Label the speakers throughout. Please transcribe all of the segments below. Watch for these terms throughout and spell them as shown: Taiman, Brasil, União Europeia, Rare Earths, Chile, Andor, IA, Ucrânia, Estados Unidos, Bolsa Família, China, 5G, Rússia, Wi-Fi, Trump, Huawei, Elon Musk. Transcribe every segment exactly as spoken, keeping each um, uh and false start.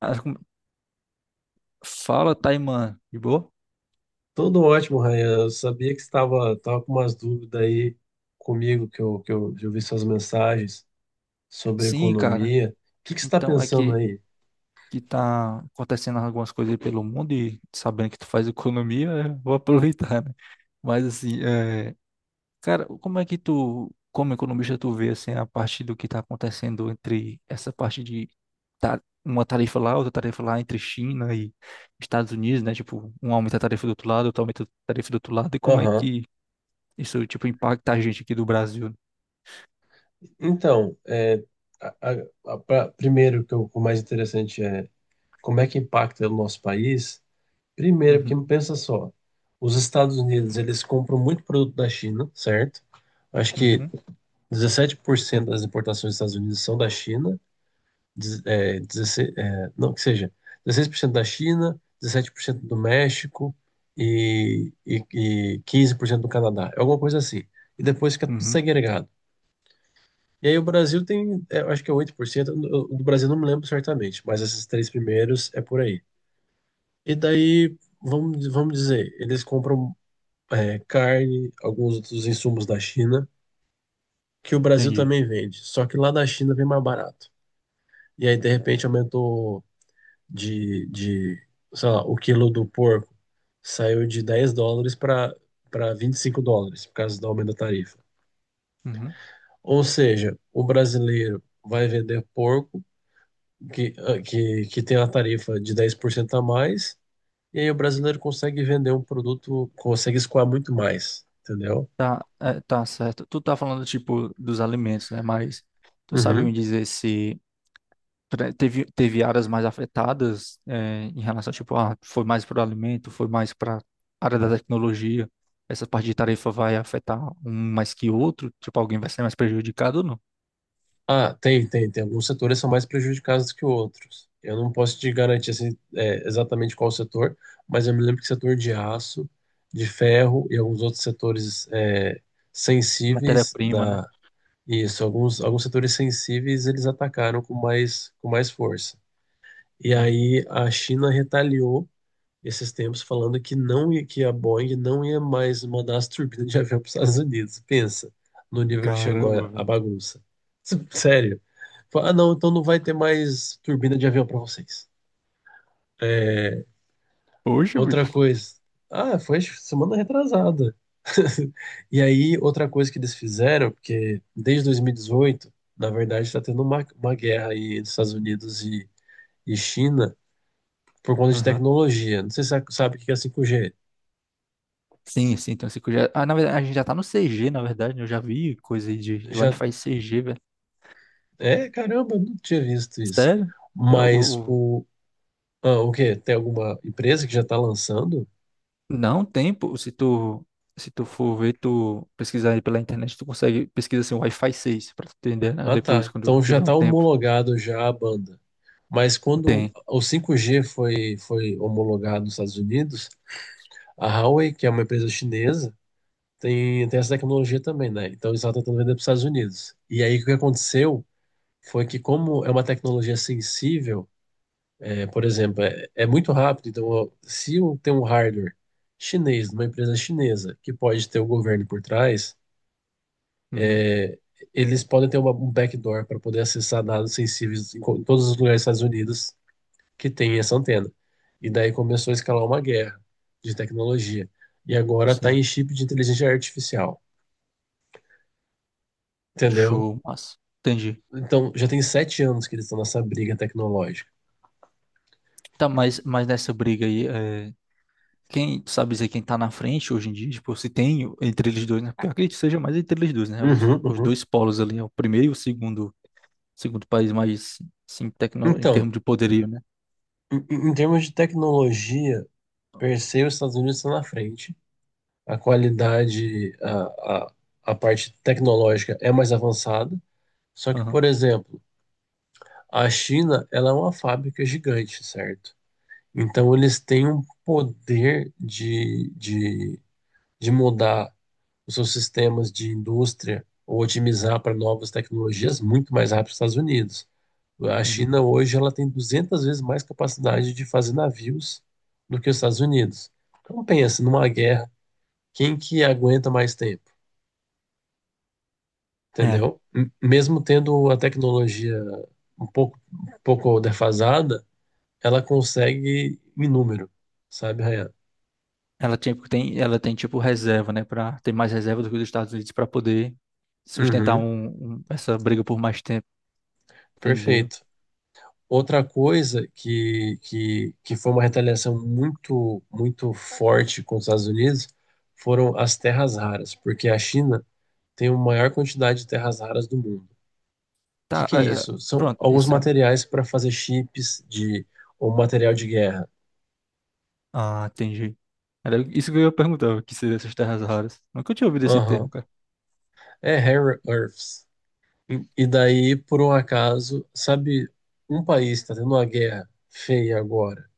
Speaker 1: Acho que- Fala, Taiman, de boa?
Speaker 2: Tudo ótimo, Ryan. Eu sabia que você estava tava com umas dúvidas aí comigo, que eu, que eu, eu vi suas mensagens sobre
Speaker 1: Sim, cara.
Speaker 2: economia. O que, que você está
Speaker 1: Então, é
Speaker 2: pensando
Speaker 1: que,
Speaker 2: aí?
Speaker 1: que tá acontecendo algumas coisas aí pelo mundo e sabendo que tu faz economia, eu vou aproveitar, né? Mas assim, é... cara, como é que tu, como economista, tu vê assim, a parte do que tá acontecendo entre essa parte de ta- uma tarifa lá, outra tarifa lá entre China e Estados Unidos, né? Tipo, um aumenta a tarifa do outro lado, outro aumenta a tarifa do outro lado, e como é
Speaker 2: Aham.
Speaker 1: que isso, tipo, impacta a gente aqui do Brasil?
Speaker 2: Então, é, a- a- a- pra- primeiro, que eu- o mais interessante é como é que impacta o nosso país. Primeiro, porque
Speaker 1: Uhum,
Speaker 2: pensa só, os Estados Unidos, eles compram muito produto da China, certo? Acho que
Speaker 1: uhum,
Speaker 2: dezessete por cento das importações dos Estados Unidos são da China. dez- é, dezesseis, é, não, que seja, dezesseis por cento da China, dezessete por cento do México e, e, e quinze por cento do Canadá. É alguma coisa assim. E depois fica tudo
Speaker 1: uhum.
Speaker 2: segregado. E aí o Brasil tem, é, eu acho que é oito por cento, eu- do Brasil não me lembro certamente, mas esses três primeiros é por aí. E daí, vamos, vamos dizer, eles compram é, carne, alguns outros insumos da China, que o Brasil
Speaker 1: Entendi.
Speaker 2: também vende, só que lá da China vem mais barato. E aí, de repente, aumentou de, de, sei lá, o quilo do porco saiu de dez dólares para para vinte e cinco dólares por causa do aumento da tarifa.
Speaker 1: Uhum.
Speaker 2: Ou seja, o brasileiro vai vender porco que, ah, que, que tem a tarifa de dez por cento a mais, e aí o brasileiro consegue vender um produto, consegue escoar muito mais, entendeu?
Speaker 1: Tá, é, tá certo. Tu tá falando, tipo, dos alimentos, né? Mas tu sabe me
Speaker 2: Uhum.
Speaker 1: dizer se pre- teve, teve áreas mais afetadas, é, em relação, tipo, ah, foi mais para o alimento, foi mais para área da tecnologia. Essa parte de tarefa vai afetar um mais que outro? Tipo, alguém vai ser mais prejudicado ou não?
Speaker 2: Ah, tem, tem, tem. Alguns setores são mais prejudicados que outros. Eu não posso te garantir assim, é, exatamente qual setor, mas eu me lembro que setor de aço, de ferro e alguns outros setores é, sensíveis
Speaker 1: Matéria-prima, né?
Speaker 2: da... Isso, alguns, alguns setores sensíveis eles atacaram com mais, com mais força. E
Speaker 1: Uhum.
Speaker 2: aí a China retaliou esses tempos falando que não ia, que a Boeing não ia mais mandar as turbinas de avião para os Estados Unidos. Pensa no nível que chegou a
Speaker 1: Caramba,
Speaker 2: a
Speaker 1: velho.
Speaker 2: bagunça. S- Sério. Fala, ah, não, então não vai ter mais turbina de avião para vocês.
Speaker 1: Poxa,
Speaker 2: Outra
Speaker 1: bicho.
Speaker 2: coisa. Ah, foi semana retrasada. E aí, outra coisa que eles fizeram, porque desde dois mil e dezoito, na verdade, está tendo uma, uma guerra aí entre Estados Unidos e, e China por conta de
Speaker 1: Aham.
Speaker 2: tecnologia. Não sei se você sabe o que é cinco G.
Speaker 1: Sim, sim, então cinco G. é- Ah, na verdade, a gente já tá no C G, na verdade, né? Eu já vi coisa aí de, de
Speaker 2: Já,
Speaker 1: Wi-Fi C G, velho.
Speaker 2: é, caramba, eu não tinha visto isso.
Speaker 1: Sério? É,
Speaker 2: Mas
Speaker 1: O, o-
Speaker 2: o. Ah, o quê? Tem alguma empresa que já está lançando?
Speaker 1: Não tem, pô. Se tu, se tu for ver, tu pesquisar aí pela internet, tu consegue pesquisar assim, Wi-Fi seis pra tu entender, né?
Speaker 2: Ah,
Speaker 1: Depois,
Speaker 2: tá.
Speaker 1: quando
Speaker 2: Então já
Speaker 1: tiver um
Speaker 2: está
Speaker 1: tempo.
Speaker 2: homologado já a banda. Mas quando
Speaker 1: Tem.
Speaker 2: o cinco G foi, foi homologado nos Estados Unidos, a Huawei, que é uma empresa chinesa, tem, tem essa tecnologia também, né? Então eles estavam tentando vender para os Estados Unidos. E aí o que aconteceu foi que, como é uma tecnologia sensível, é, por exemplo, é, é muito rápido. Então, ó, se um, tem um hardware chinês, numa empresa chinesa, que pode ter o governo por trás,
Speaker 1: Uhum.
Speaker 2: é, eles podem ter uma, um backdoor para poder acessar dados sensíveis em, co- em todos os lugares dos Estados Unidos que tem essa antena. E daí começou a escalar uma guerra de tecnologia. E agora está em
Speaker 1: Sim.
Speaker 2: chip de inteligência artificial, entendeu?
Speaker 1: Show, massa. Entendi.
Speaker 2: Então, já tem sete anos que eles estão nessa briga tecnológica.
Speaker 1: Tá, mas, mas nessa briga aí, é, quem, tu sabe dizer quem tá na frente hoje em dia? Tipo, se tem o- entre eles dois, né? Porque eu acredito que seja mais entre eles dois, né? Os,
Speaker 2: Uhum,
Speaker 1: os
Speaker 2: uhum.
Speaker 1: dois polos ali, é o primeiro e o segundo, segundo país mais, sim, tecno, em
Speaker 2: Então,
Speaker 1: termos de poderio, né?
Speaker 2: em, em em termos de tecnologia, percebo, os Estados Unidos estão na frente. A qualidade, a, a, a parte tecnológica é mais avançada. Só que,
Speaker 1: Aham,
Speaker 2: por exemplo, a China, ela é uma fábrica gigante, certo? Então, eles têm um poder de, de, de mudar os seus sistemas de indústria ou otimizar para novas tecnologias muito mais rápido que os Estados Unidos. A
Speaker 1: uhum.
Speaker 2: China hoje ela tem duzentas vezes mais capacidade de fazer navios do que os Estados Unidos. Então pensa numa guerra quem que aguenta mais tempo,
Speaker 1: É,
Speaker 2: entendeu? M- Mesmo tendo a tecnologia um pouco, um pouco defasada, ela consegue em número, sabe, Rayan?
Speaker 1: ela tem, tem, ela tem tipo reserva, né? Pra, tem mais reserva do que os Estados Unidos para poder sustentar
Speaker 2: Uhum,
Speaker 1: um, um- essa briga por mais tempo, entendeu?
Speaker 2: perfeito. Outra coisa que, que, que foi uma retaliação muito, muito forte com os Estados Unidos foram as terras raras, porque a China tem a maior quantidade de terras raras do mundo. O que
Speaker 1: Tá,
Speaker 2: que é
Speaker 1: é, é,
Speaker 2: isso? São
Speaker 1: pronto,
Speaker 2: alguns
Speaker 1: esses são.
Speaker 2: materiais para fazer chips de ou material de guerra.
Speaker 1: Ah, entendi. Era isso que eu ia perguntar, o que seria essas terras raras. Nunca tinha ouvido esse termo, cara.
Speaker 2: É Rare Earths. E, e daí, por um acaso, sabe, um país está tendo uma guerra feia agora,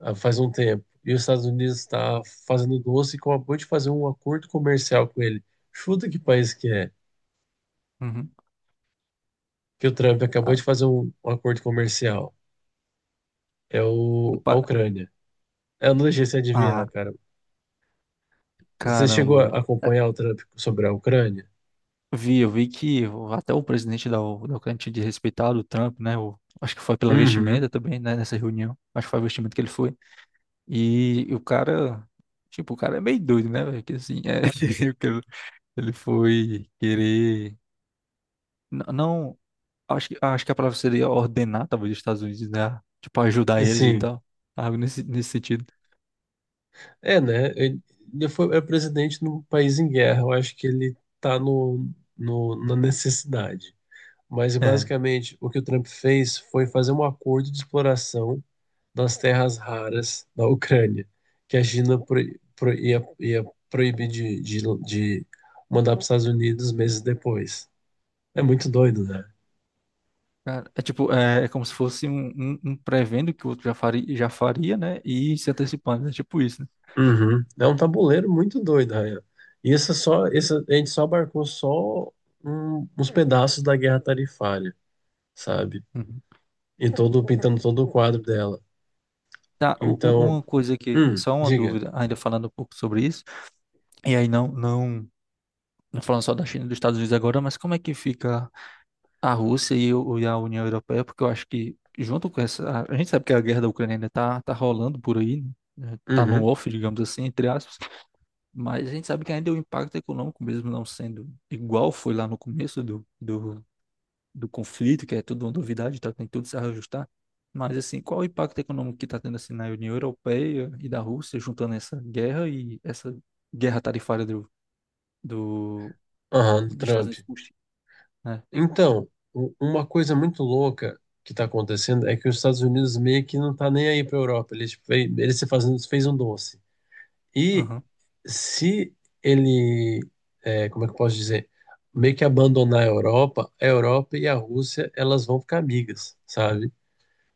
Speaker 2: ah, faz um tempo, e os Estados Unidos está fazendo doce e acabou de fazer um acordo comercial com ele. Chuta que país que é,
Speaker 1: Uhum.
Speaker 2: que o Trump acabou
Speaker 1: Ca-
Speaker 2: de fazer um, um acordo comercial. É
Speaker 1: o
Speaker 2: o, a
Speaker 1: pa-
Speaker 2: Ucrânia. Eu não deixei você
Speaker 1: Ah,
Speaker 2: adivinhar, cara. Você chegou
Speaker 1: caramba, velho.
Speaker 2: a
Speaker 1: É,
Speaker 2: acompanhar o Trump sobre a Ucrânia?
Speaker 1: Vi, eu vi que o- até o presidente da, U- da Ucrânia tinha de respeitar o Trump, né? O, acho que foi pela
Speaker 2: Uhum.
Speaker 1: vestimenta também, né? Nessa reunião. Acho que foi a vestimenta que ele foi. E, e o cara, tipo, o cara é meio doido, né, velho? Que assim, é, ele ele foi querer. n- Não, Acho que, acho que a palavra seria ordenar, talvez, os Estados Unidos, né? Tipo, ajudar eles e
Speaker 2: Sim.
Speaker 1: tal. Algo nesse, nesse sentido.
Speaker 2: É, né? Ele ele foi, é presidente num país em guerra. Eu acho que ele tá no, no- na necessidade. Mas,
Speaker 1: É.
Speaker 2: basicamente, o que o Trump fez foi fazer um acordo de exploração das terras raras da Ucrânia, que a China pro, pro, ia, ia proibir de, de, de mandar para os Estados Unidos meses depois. É muito doido, né?
Speaker 1: Cara, é tipo, é, é como se fosse um, um, um prevendo que o outro já faria, já faria, né? E se antecipando. É tipo isso, né?
Speaker 2: Uhum. É um tabuleiro muito doido, Ryan. E essa só, isso, a gente só abarcou só um- uns pedaços da guerra tarifária. Sabe?
Speaker 1: Uhum.
Speaker 2: E todo pintando todo o quadro dela.
Speaker 1: Tá, u- u-
Speaker 2: Então,
Speaker 1: uma coisa que,
Speaker 2: hum,
Speaker 1: só uma
Speaker 2: diga.
Speaker 1: dúvida, ainda falando um pouco sobre isso. E aí não, não, não falando só da China e dos Estados Unidos agora, mas como é que fica a Rússia e, o- e a União Europeia, porque eu acho que, junto com essa. A gente sabe que a guerra da Ucrânia ainda tá, tá rolando por aí, né? Tá no
Speaker 2: Uhum,
Speaker 1: off, digamos assim, entre aspas. Mas a gente sabe que ainda o impacto econômico, mesmo não sendo igual foi lá no começo do, do, do conflito, que é tudo uma novidade, tá? Tem tudo que se ajustar. Mas, assim, qual o impacto econômico que está tendo assim, na União Europeia e da Rússia, juntando essa guerra e essa guerra tarifária do, do,
Speaker 2: aham, do
Speaker 1: dos Estados
Speaker 2: Trump.
Speaker 1: Unidos com o Chile, né?
Speaker 2: Então, u- uma coisa muito louca que tá acontecendo é que os Estados Unidos meio que não tá nem aí pra Europa. Ele fez, ele se fazendo, fez um doce. E
Speaker 1: Aham,
Speaker 2: se ele, é, como é que eu posso dizer? Meio que abandonar a Europa, a Europa e a Rússia, elas vão ficar amigas, sabe?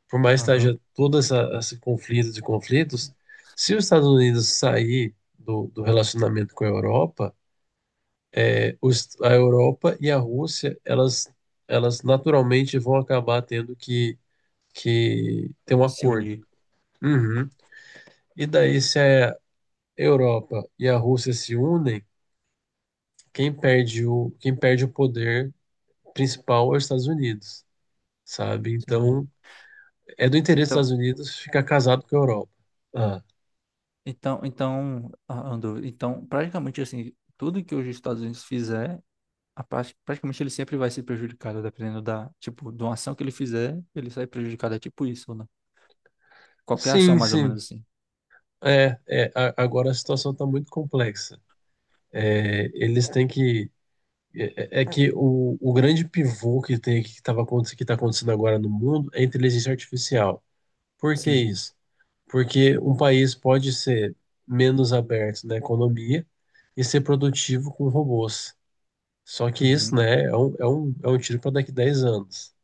Speaker 2: Por mais que
Speaker 1: aham.
Speaker 2: haja todo essa, esse conflito de conflitos, se os Estados Unidos sair do, do relacionamento com a Europa, é, os, a Europa e a Rússia, elas, elas naturalmente vão acabar tendo que, que ter um
Speaker 1: Se
Speaker 2: acordo.
Speaker 1: unir.
Speaker 2: Uhum. E daí, se a Europa e a Rússia se unem, quem perde o, quem perde o poder principal é os Estados Unidos, sabe?
Speaker 1: Sim.
Speaker 2: Então, é do interesse dos
Speaker 1: Então,
Speaker 2: Estados Unidos ficar casado com a Europa. Ah.
Speaker 1: então, então, ah, Andor, então, praticamente assim, tudo que os Estados Unidos fizer, a parte- praticamente ele sempre vai ser prejudicado, dependendo da, tipo, de uma ação que ele fizer, ele sai prejudicado, é tipo isso, né? Qualquer ação,
Speaker 2: Sim,
Speaker 1: mais ou
Speaker 2: sim.
Speaker 1: menos assim.
Speaker 2: É, é, a- agora a situação está muito complexa. É, eles têm que. É, é é que o, o grande pivô que tem que estava que está acontecendo agora no mundo é a inteligência artificial. Por que
Speaker 1: Sim.
Speaker 2: isso? Porque um país pode ser menos aberto na economia e ser produtivo com robôs. Só que isso,
Speaker 1: Uhum.
Speaker 2: né, é um, é um, é um tiro para daqui a dez anos.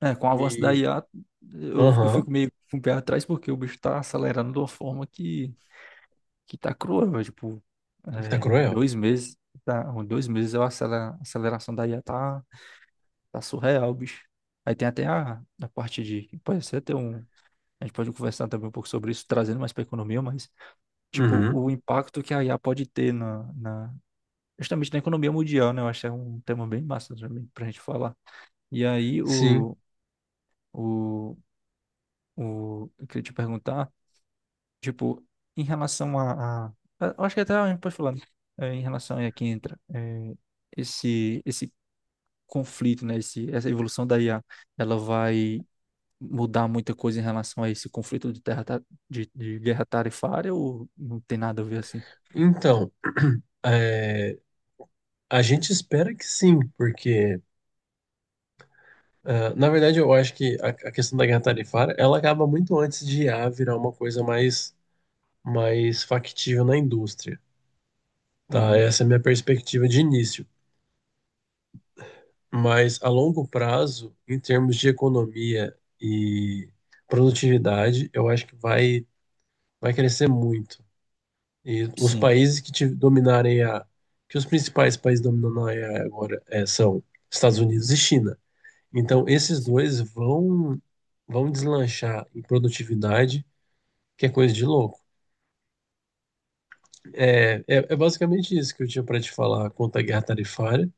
Speaker 1: É, com o avanço da
Speaker 2: E.
Speaker 1: I A, eu, eu
Speaker 2: Aham,
Speaker 1: fico meio com o pé atrás, porque o bicho tá acelerando de uma forma que, que tá cruel, é, tipo,
Speaker 2: tá
Speaker 1: é, em
Speaker 2: cruel.
Speaker 1: dois meses, tá, em dois meses a acelera- aceleração da I A tá tá surreal, bicho. Aí tem até a, a parte de. Pode ser até um. A gente pode conversar também um pouco sobre isso, trazendo mais para economia, mas, tipo,
Speaker 2: Uhum,
Speaker 1: o impacto que a I A pode ter na, na, justamente na economia mundial, né? Eu acho que é um tema bem massa também para a gente falar. E aí,
Speaker 2: sim.
Speaker 1: o, o, o, eu queria te perguntar, tipo, em relação a, a- eu acho que até a gente pode falar, né? É, em relação a quem entra, é, esse, esse conflito, né? Esse, essa evolução da I A, ela vai mudar muita coisa em relação a esse conflito de, terra, ta- de, de guerra tarifária ou não tem nada a ver assim?
Speaker 2: Então. é, A gente espera que sim, porque, ah, na verdade, eu acho que a, a questão da guerra tarifária, ela acaba muito antes de I A virar uma coisa mais, mais factível na indústria, tá?
Speaker 1: Uhum.
Speaker 2: Essa é a minha perspectiva de início. Mas, a longo prazo, em termos de economia e produtividade, eu acho que vai, vai crescer muito. E os
Speaker 1: Sim,
Speaker 2: países que te dominarem a... que os principais países dominando a I A agora é, são Estados Unidos e China. Então, esses
Speaker 1: sim.
Speaker 2: dois vão vão deslanchar em produtividade, que é coisa de louco. É, é, é basicamente isso que eu tinha para te falar quanto à guerra tarifária.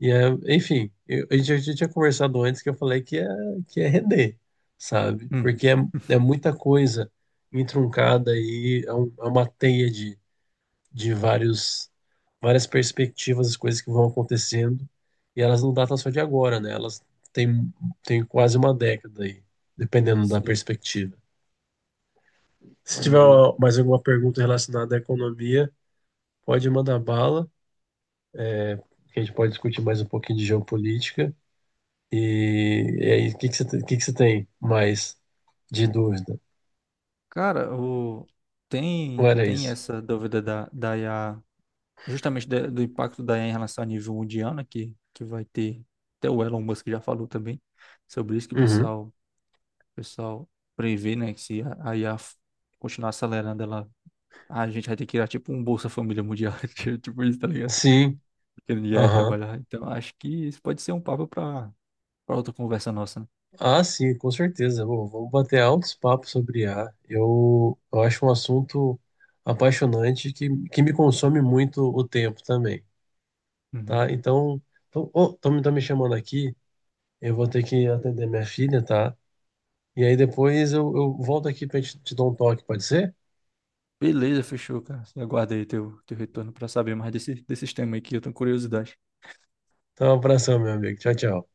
Speaker 2: E é, enfim, eu, a gente já já tinha conversado antes que eu falei que é, que é render, sabe?
Speaker 1: Uhum.
Speaker 2: Porque é, é muita coisa entroncada aí, é, um- é uma teia de, de vários, várias perspectivas, as coisas que vão acontecendo, e elas não datam só de agora, né? Elas têm, têm quase uma década aí, dependendo da
Speaker 1: Sim,
Speaker 2: perspectiva. Se tiver
Speaker 1: entendi.
Speaker 2: uma- mais alguma pergunta relacionada à economia, pode mandar bala, que a gente pode discutir mais um pouquinho de geopolítica. E, e aí, o que que você, tem- o que que você tem mais de dúvida?
Speaker 1: Cara, o...
Speaker 2: Ou
Speaker 1: tem,
Speaker 2: era
Speaker 1: tem
Speaker 2: isso?
Speaker 1: essa dúvida da, da I a justamente da- do impacto da I A em relação ao nível mundial, né, que, que vai ter, até o Elon Musk já falou também sobre isso, que o
Speaker 2: Uhum.
Speaker 1: pessoal, o pessoal prevê, né, que se a a I A f- continuar acelerando, ela, a gente vai ter que criar tipo um Bolsa Família Mundial, tipo isso, tá ligado?
Speaker 2: Sim,
Speaker 1: Que ninguém vai
Speaker 2: aham.
Speaker 1: trabalhar. Então, acho que isso pode ser um papo para para outra conversa nossa, né?
Speaker 2: Ah, sim, com certeza. Bom, vamos bater altos papos sobre I A. Eu, eu acho um assunto apaixonante que, que me consome muito o tempo também,
Speaker 1: Uhum.
Speaker 2: tá? Então, tô, oh, tô, me- tô me chamando aqui, eu vou ter que atender minha filha, tá? E aí depois eu, eu volto aqui pra gente te dar um toque, pode ser?
Speaker 1: Beleza, fechou, cara. Aguarda aí teu, teu retorno para saber mais desse, desse tema aí que eu tenho curiosidade.
Speaker 2: Então, um abração, meu amigo. Tchau, tchau.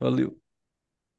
Speaker 1: Valeu.